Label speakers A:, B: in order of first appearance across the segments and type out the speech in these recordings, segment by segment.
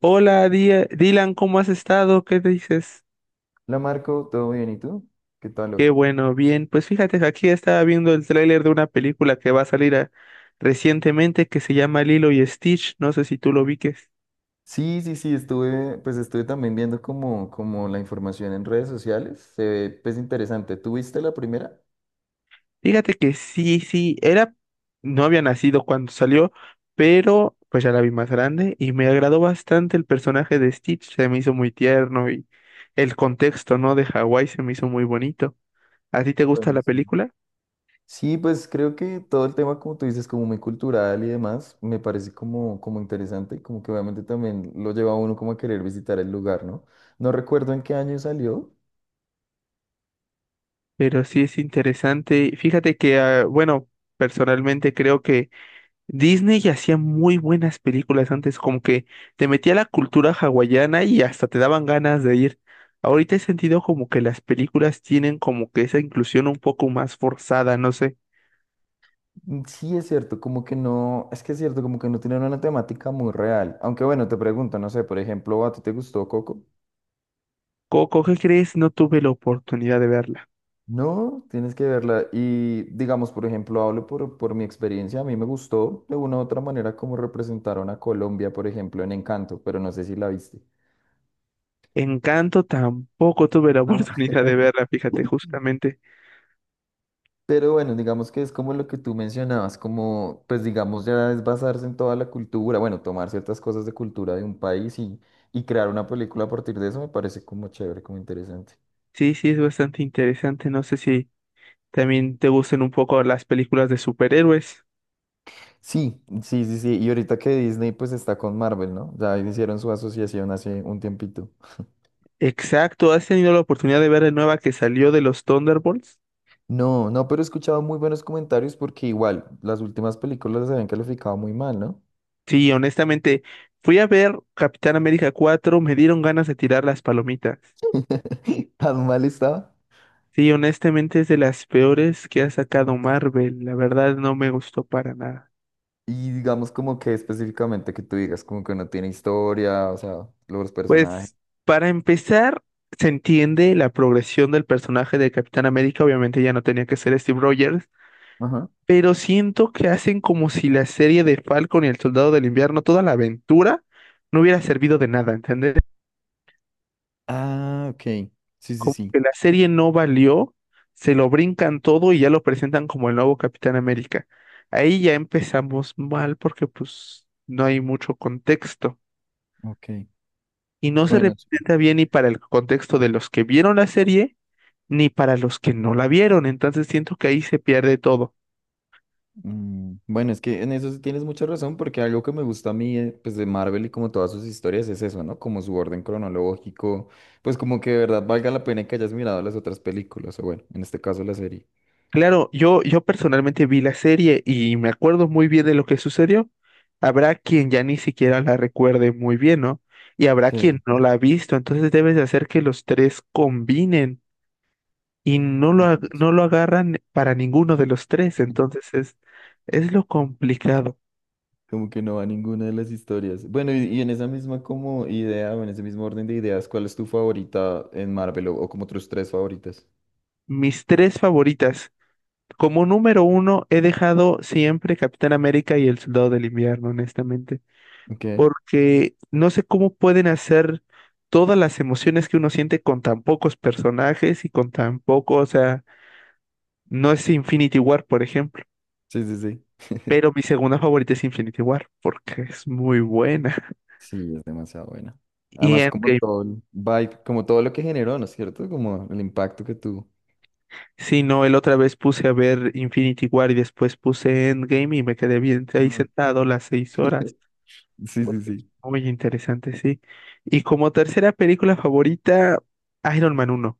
A: Hola, Dylan, ¿cómo has estado? ¿Qué te dices?
B: La Marco, ¿todo bien? ¿Y tú? ¿Qué tal hoy?
A: Qué bueno, bien. Pues fíjate que aquí estaba viendo el tráiler de una película que va a salir recientemente que se llama Lilo y Stitch. No sé si tú lo viques.
B: Sí, estuve, pues estuve también viendo como, como la información en redes sociales. Se ve, pues interesante. ¿Tú viste la primera?
A: Fíjate que sí, sí, era, no había nacido cuando salió, pero pues ya la vi más grande y me agradó bastante el personaje de Stitch. Se me hizo muy tierno y el contexto, ¿no? De Hawái se me hizo muy bonito. ¿A ti te gusta
B: Bueno,
A: la
B: sí.
A: película?
B: Sí, pues creo que todo el tema, como tú dices, como muy cultural y demás, me parece como, como interesante y como que obviamente también lo lleva a uno como a querer visitar el lugar, ¿no? No recuerdo en qué año salió.
A: Pero sí es interesante. Fíjate que, ah, bueno, personalmente creo que Disney hacía muy buenas películas antes, como que te metía la cultura hawaiana y hasta te daban ganas de ir. Ahorita he sentido como que las películas tienen como que esa inclusión un poco más forzada, no sé.
B: Sí, es cierto, como que no, es que es cierto, como que no tienen una temática muy real. Aunque bueno, te pregunto, no sé, por ejemplo, ¿a ti te gustó Coco?
A: Coco, ¿qué crees? No tuve la oportunidad de verla.
B: No, tienes que verla. Y digamos, por ejemplo, hablo por mi experiencia. A mí me gustó de una u otra manera cómo representaron a Colombia, por ejemplo, en Encanto, pero no sé si la viste.
A: Encanto tampoco tuve la
B: No.
A: oportunidad de verla, fíjate, justamente.
B: Pero bueno, digamos que es como lo que tú mencionabas, como, pues digamos, ya es basarse en toda la cultura, bueno, tomar ciertas cosas de cultura de un país y crear una película a partir de eso me parece como chévere, como interesante.
A: Sí, sí, es bastante interesante. No sé si también te gusten un poco las películas de superhéroes.
B: Sí. Y ahorita que Disney pues está con Marvel, ¿no? Ya hicieron su asociación hace un tiempito.
A: Exacto, ¿has tenido la oportunidad de ver la nueva que salió de los Thunderbolts?
B: No, no, pero he escuchado muy buenos comentarios porque igual las últimas películas las habían calificado muy mal, ¿no?
A: Sí, honestamente, fui a ver Capitán América 4, me dieron ganas de tirar las palomitas.
B: Tan mal estaba.
A: Sí, honestamente es de las peores que ha sacado Marvel, la verdad no me gustó para nada.
B: Y digamos como que específicamente que tú digas como que no tiene historia, o sea, los personajes.
A: Pues, para empezar, se entiende la progresión del personaje de Capitán América, obviamente ya no tenía que ser Steve Rogers,
B: Ajá.
A: pero siento que hacen como si la serie de Falcon y el Soldado del Invierno, toda la aventura, no hubiera servido de nada, ¿entendés?
B: Ah, ok. Sí, sí,
A: Como
B: sí.
A: que la serie no valió, se lo brincan todo y ya lo presentan como el nuevo Capitán América. Ahí ya empezamos mal porque pues no hay mucho contexto
B: Ok.
A: y no se
B: Bueno, sí.
A: representa bien ni para el contexto de los que vieron la serie ni para los que no la vieron. Entonces siento que ahí se pierde todo.
B: Bueno, es que en eso sí tienes mucha razón porque algo que me gusta a mí, pues de Marvel y como todas sus historias es eso, ¿no? Como su orden cronológico, pues como que de verdad valga la pena que hayas mirado las otras películas, o bueno, en este caso la serie.
A: Claro, yo personalmente vi la serie y me acuerdo muy bien de lo que sucedió. Habrá quien ya ni siquiera la recuerde muy bien, ¿no? Y habrá quien
B: Sí.
A: no la ha visto, entonces debes de hacer que los tres combinen y
B: Entonces,
A: no lo agarran para ninguno de los tres, entonces es lo complicado.
B: como que no va ninguna de las historias. Bueno, y en esa misma como idea o en ese mismo orden de ideas, ¿cuál es tu favorita en Marvel o como tus tres favoritas?
A: Mis tres favoritas. Como número uno, he dejado siempre Capitán América y el Soldado del Invierno, honestamente.
B: Ok.
A: Porque no sé cómo pueden hacer todas las emociones que uno siente con tan pocos personajes y con tan poco, o sea, no es Infinity War, por ejemplo,
B: Sí.
A: pero mi segunda favorita es Infinity War, porque es muy buena.
B: Sí, es demasiado buena.
A: Y
B: Además, como
A: Endgame,
B: todo el vibe, como todo lo que generó, ¿no es cierto? Como el impacto que tuvo.
A: sí, no, el otra vez puse a ver Infinity War y después puse Endgame y me quedé bien ahí
B: Mm,
A: sentado las 6 horas,
B: Sí, sí,
A: porque es
B: sí.
A: muy interesante, sí. Y como tercera película favorita, Iron Man uno.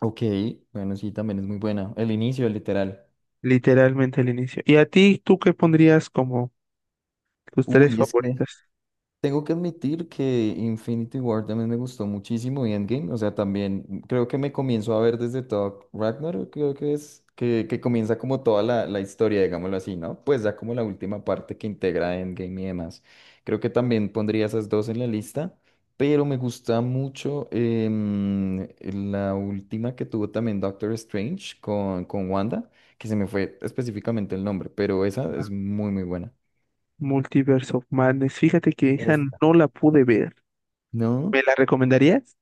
B: Ok, bueno, sí, también es muy buena. El inicio, literal.
A: Literalmente al inicio. ¿Y a ti, tú qué pondrías como tus tres
B: Uy, es que
A: favoritas?
B: tengo que admitir que Infinity War también me gustó muchísimo y Endgame, o sea, también creo que me comienzo a ver desde Thor Ragnarok, creo que es, que comienza como toda la, la historia, digámoslo así, ¿no? Pues ya como la última parte que integra Endgame y demás. Creo que también pondría esas dos en la lista, pero me gusta mucho la última que tuvo también Doctor Strange con Wanda, que se me fue específicamente el nombre, pero esa es muy, muy buena.
A: Multiverse of Madness. Fíjate que esa
B: Esta.
A: no la pude ver.
B: ¿No?
A: ¿Me la recomendarías?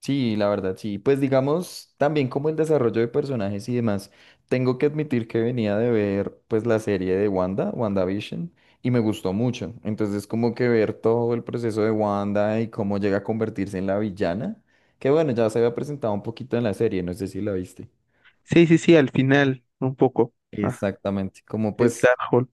B: Sí, la verdad, sí. Pues digamos, también como el desarrollo de personajes y demás, tengo que admitir que venía de ver pues la serie de Wanda, WandaVision, y me gustó mucho. Entonces como que ver todo el proceso de Wanda y cómo llega a convertirse en la villana, que bueno, ya se había presentado un poquito en la serie, no sé si la viste.
A: Sí, sí, sí, al final, un poco. Ajá,
B: Exactamente, como
A: del
B: pues
A: Darkhold.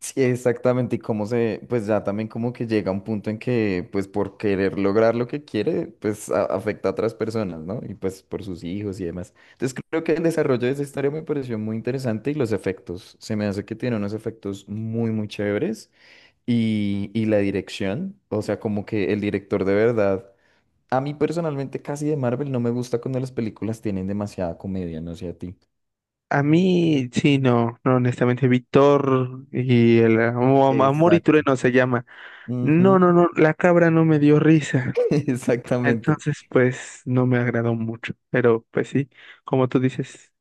B: sí, exactamente, y cómo se, pues ya también como que llega un punto en que, pues por querer lograr lo que quiere, pues afecta a otras personas, ¿no? Y pues por sus hijos y demás. Entonces creo que el desarrollo de esa historia me pareció muy interesante y los efectos, se me hace que tiene unos efectos muy, muy chéveres y la dirección, o sea, como que el director de verdad, a mí personalmente casi de Marvel no me gusta cuando las películas tienen demasiada comedia, no sé a ti.
A: A mí, sí, no, no, honestamente, Víctor y el Amor y
B: Exacto.
A: Trueno se llama. No,
B: Ujú,
A: no, no, la cabra no me dio risa.
B: exactamente.
A: Entonces, pues, no me agradó mucho. Pero, pues sí, como tú dices,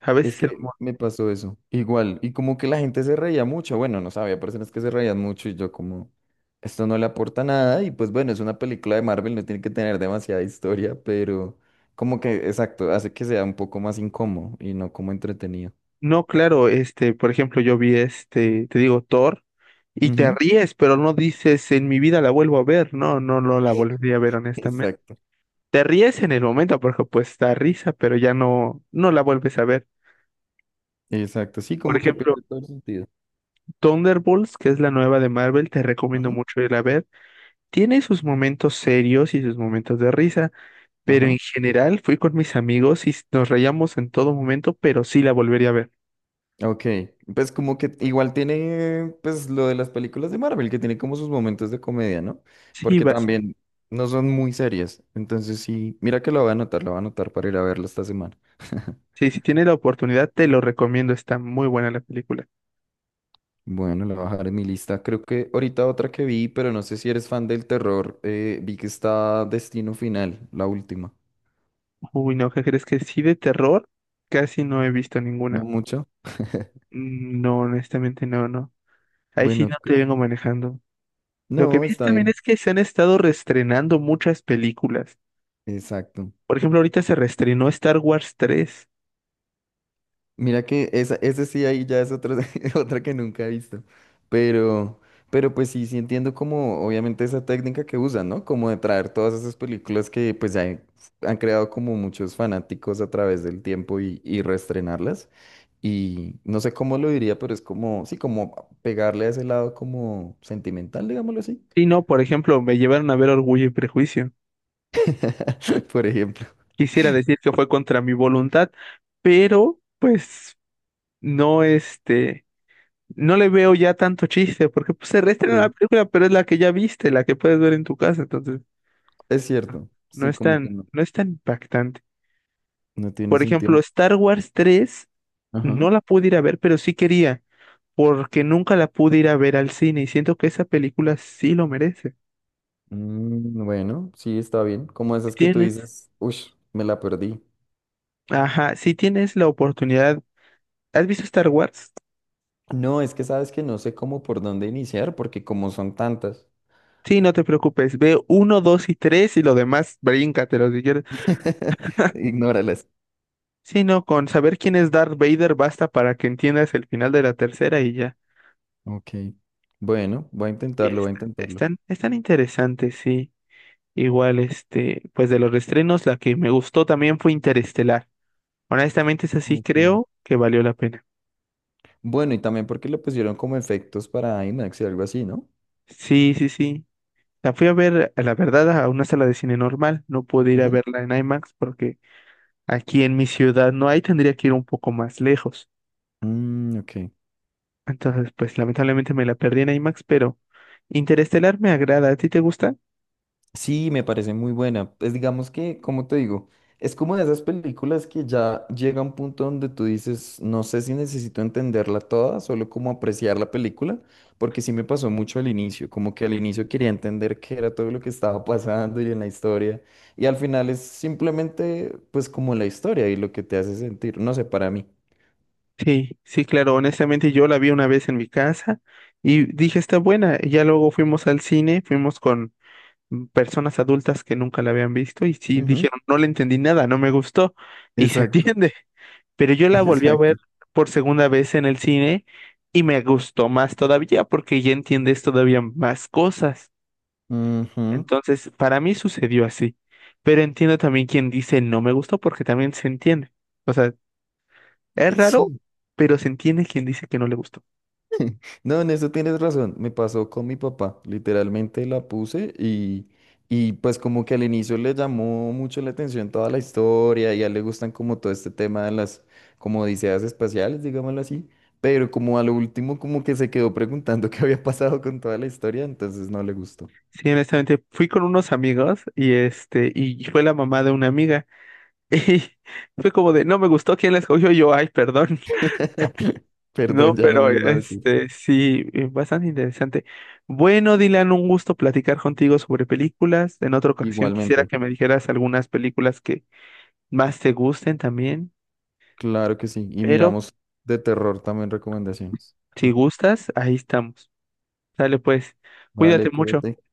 A: a
B: Es
A: veces el
B: que
A: humor.
B: me pasó eso. Igual. Y como que la gente se reía mucho. Bueno, no sabía, personas que se reían mucho y yo como, esto no le aporta nada. Y pues bueno, es una película de Marvel, no tiene que tener demasiada historia, pero como que, exacto, hace que sea un poco más incómodo y no como entretenido.
A: No, claro, este, por ejemplo, yo vi este, te digo, Thor, y te
B: Ujú,
A: ríes, pero no dices, en mi vida la vuelvo a ver, no, no, no la volvería a ver honestamente.
B: exacto.
A: Te ríes en el momento porque pues da risa, pero ya no, no la vuelves a ver.
B: Exacto. Sí,
A: Por
B: como que
A: ejemplo,
B: pierde todo el sentido.
A: Thunderbolts, que es la nueva de Marvel, te recomiendo
B: Ujú,
A: mucho ir a ver. Tiene sus momentos serios y sus momentos de risa, pero
B: ajá.
A: en general fui con mis amigos y nos reíamos en todo momento, pero sí la volvería a ver.
B: Ok, pues como que igual tiene pues lo de las películas de Marvel, que tiene como sus momentos de comedia, ¿no?
A: Sí,
B: Porque también no son muy serias. Entonces sí, mira que lo voy a anotar, lo voy a anotar para ir a verlo esta semana.
A: sí, si tienes la oportunidad, te lo recomiendo. Está muy buena la película.
B: Bueno, lo voy a bajar en mi lista. Creo que ahorita otra que vi, pero no sé si eres fan del terror, vi que está Destino Final, la última.
A: Uy, no, ¿qué crees que sí de terror? Casi no he visto
B: No
A: ninguna.
B: mucho.
A: Mm, no, honestamente no, no. Ahí sí
B: Bueno,
A: no te vengo manejando. Lo que
B: no,
A: vi
B: está
A: también
B: bien.
A: es que se han estado reestrenando muchas películas.
B: Exacto.
A: Por ejemplo, ahorita se reestrenó Star Wars tres.
B: Mira que esa, ese sí ahí ya es otra, otra que nunca he visto. Pero, pero pues sí, sí entiendo como obviamente esa técnica que usan, ¿no? Como de traer todas esas películas que pues ya han creado como muchos fanáticos a través del tiempo y reestrenarlas. Y no sé cómo lo diría, pero es como, sí, como pegarle a ese lado como sentimental, digámoslo así.
A: Y no, por ejemplo, me llevaron a ver Orgullo y Prejuicio.
B: Por ejemplo.
A: Quisiera decir que fue contra mi voluntad, pero pues no este. No le veo ya tanto chiste, porque pues, se reestrena la
B: Sí.
A: película, pero es la que ya viste, la que puedes ver en tu casa, entonces
B: Es cierto.
A: no
B: Sí,
A: es
B: como
A: tan,
B: que no,
A: no es tan impactante.
B: no tiene
A: Por ejemplo,
B: sentido.
A: Star Wars 3
B: Ajá.
A: no la pude ir a ver, pero sí quería, porque nunca la pude ir a ver al cine y siento que esa película sí lo merece.
B: Bueno, sí, está bien. Como
A: Si
B: esas que tú
A: Tienes,
B: dices, uff, me la perdí.
A: ajá, si tienes la oportunidad, ¿has visto Star Wars?
B: No, es que sabes que no sé cómo por dónde iniciar, porque como son tantas,
A: Sí, no te preocupes, ve uno, dos y tres y lo demás bríncatelo si quieres.
B: ignóralas.
A: Sí, no, con saber quién es Darth Vader basta para que entiendas el final de la tercera y ya.
B: Ok. Bueno, voy a
A: Y
B: intentarlo, voy a intentarlo.
A: están interesantes, sí. Igual, este, pues de los restrenos, la que me gustó también fue Interestelar. Honestamente, esa sí
B: Ok.
A: creo que valió la pena.
B: Bueno, y también porque le pusieron como efectos para IMAX y algo así, ¿no?
A: Sí, sí, sí. La fui a ver, a la verdad, a una sala de cine normal. No pude ir a
B: Ujú.
A: verla en IMAX porque aquí en mi ciudad no hay, tendría que ir un poco más lejos.
B: Ok.
A: Entonces, pues lamentablemente me la perdí en IMAX, pero Interestelar me agrada. ¿A ti te gusta?
B: Sí, me parece muy buena. Pues digamos que, como te digo, es como de esas películas que ya llega a un punto donde tú dices, no sé si necesito entenderla toda, solo como apreciar la película, porque sí me pasó mucho al inicio, como que al inicio quería entender qué era todo lo que estaba pasando y en la historia, y al final es simplemente pues como la historia y lo que te hace sentir, no sé, para mí.
A: Sí, sí, claro, honestamente yo la vi una vez en mi casa y dije, está buena. Y ya luego fuimos al cine, fuimos con personas adultas que nunca la habían visto y sí
B: Ujú,
A: dijeron, no le entendí nada, no me gustó y se
B: exacto,
A: entiende. Pero yo la volví a ver
B: exacto.
A: por segunda vez en el cine y me gustó más todavía porque ya entiendes todavía más cosas.
B: Ujú.
A: Entonces, para mí sucedió así. Pero entiendo también quien dice no me gustó porque también se entiende. O sea, es raro,
B: Sí,
A: pero se entiende quien dice que no le gustó.
B: no, en eso tienes razón. Me pasó con mi papá. Literalmente la puse y pues como que al inicio le llamó mucho la atención toda la historia y a él le gustan como todo este tema de las como odiseas espaciales, digámoslo así. Pero como a lo último como que se quedó preguntando qué había pasado con toda la historia, entonces no le gustó.
A: Sí, honestamente, fui con unos amigos y este, y fue la mamá de una amiga. Y fue como de, no me gustó quién la escogió. Y yo, ay, perdón. No,
B: Perdón, ya no
A: pero
B: vuelvo a decir.
A: este, sí, bastante interesante. Bueno, Dylan, un gusto platicar contigo sobre películas. En otra ocasión quisiera
B: Igualmente,
A: que me dijeras algunas películas que más te gusten también,
B: claro que sí. Y
A: pero
B: miramos de terror también recomendaciones.
A: si gustas, ahí estamos. Dale pues, cuídate
B: Vale,
A: mucho.
B: cuídate.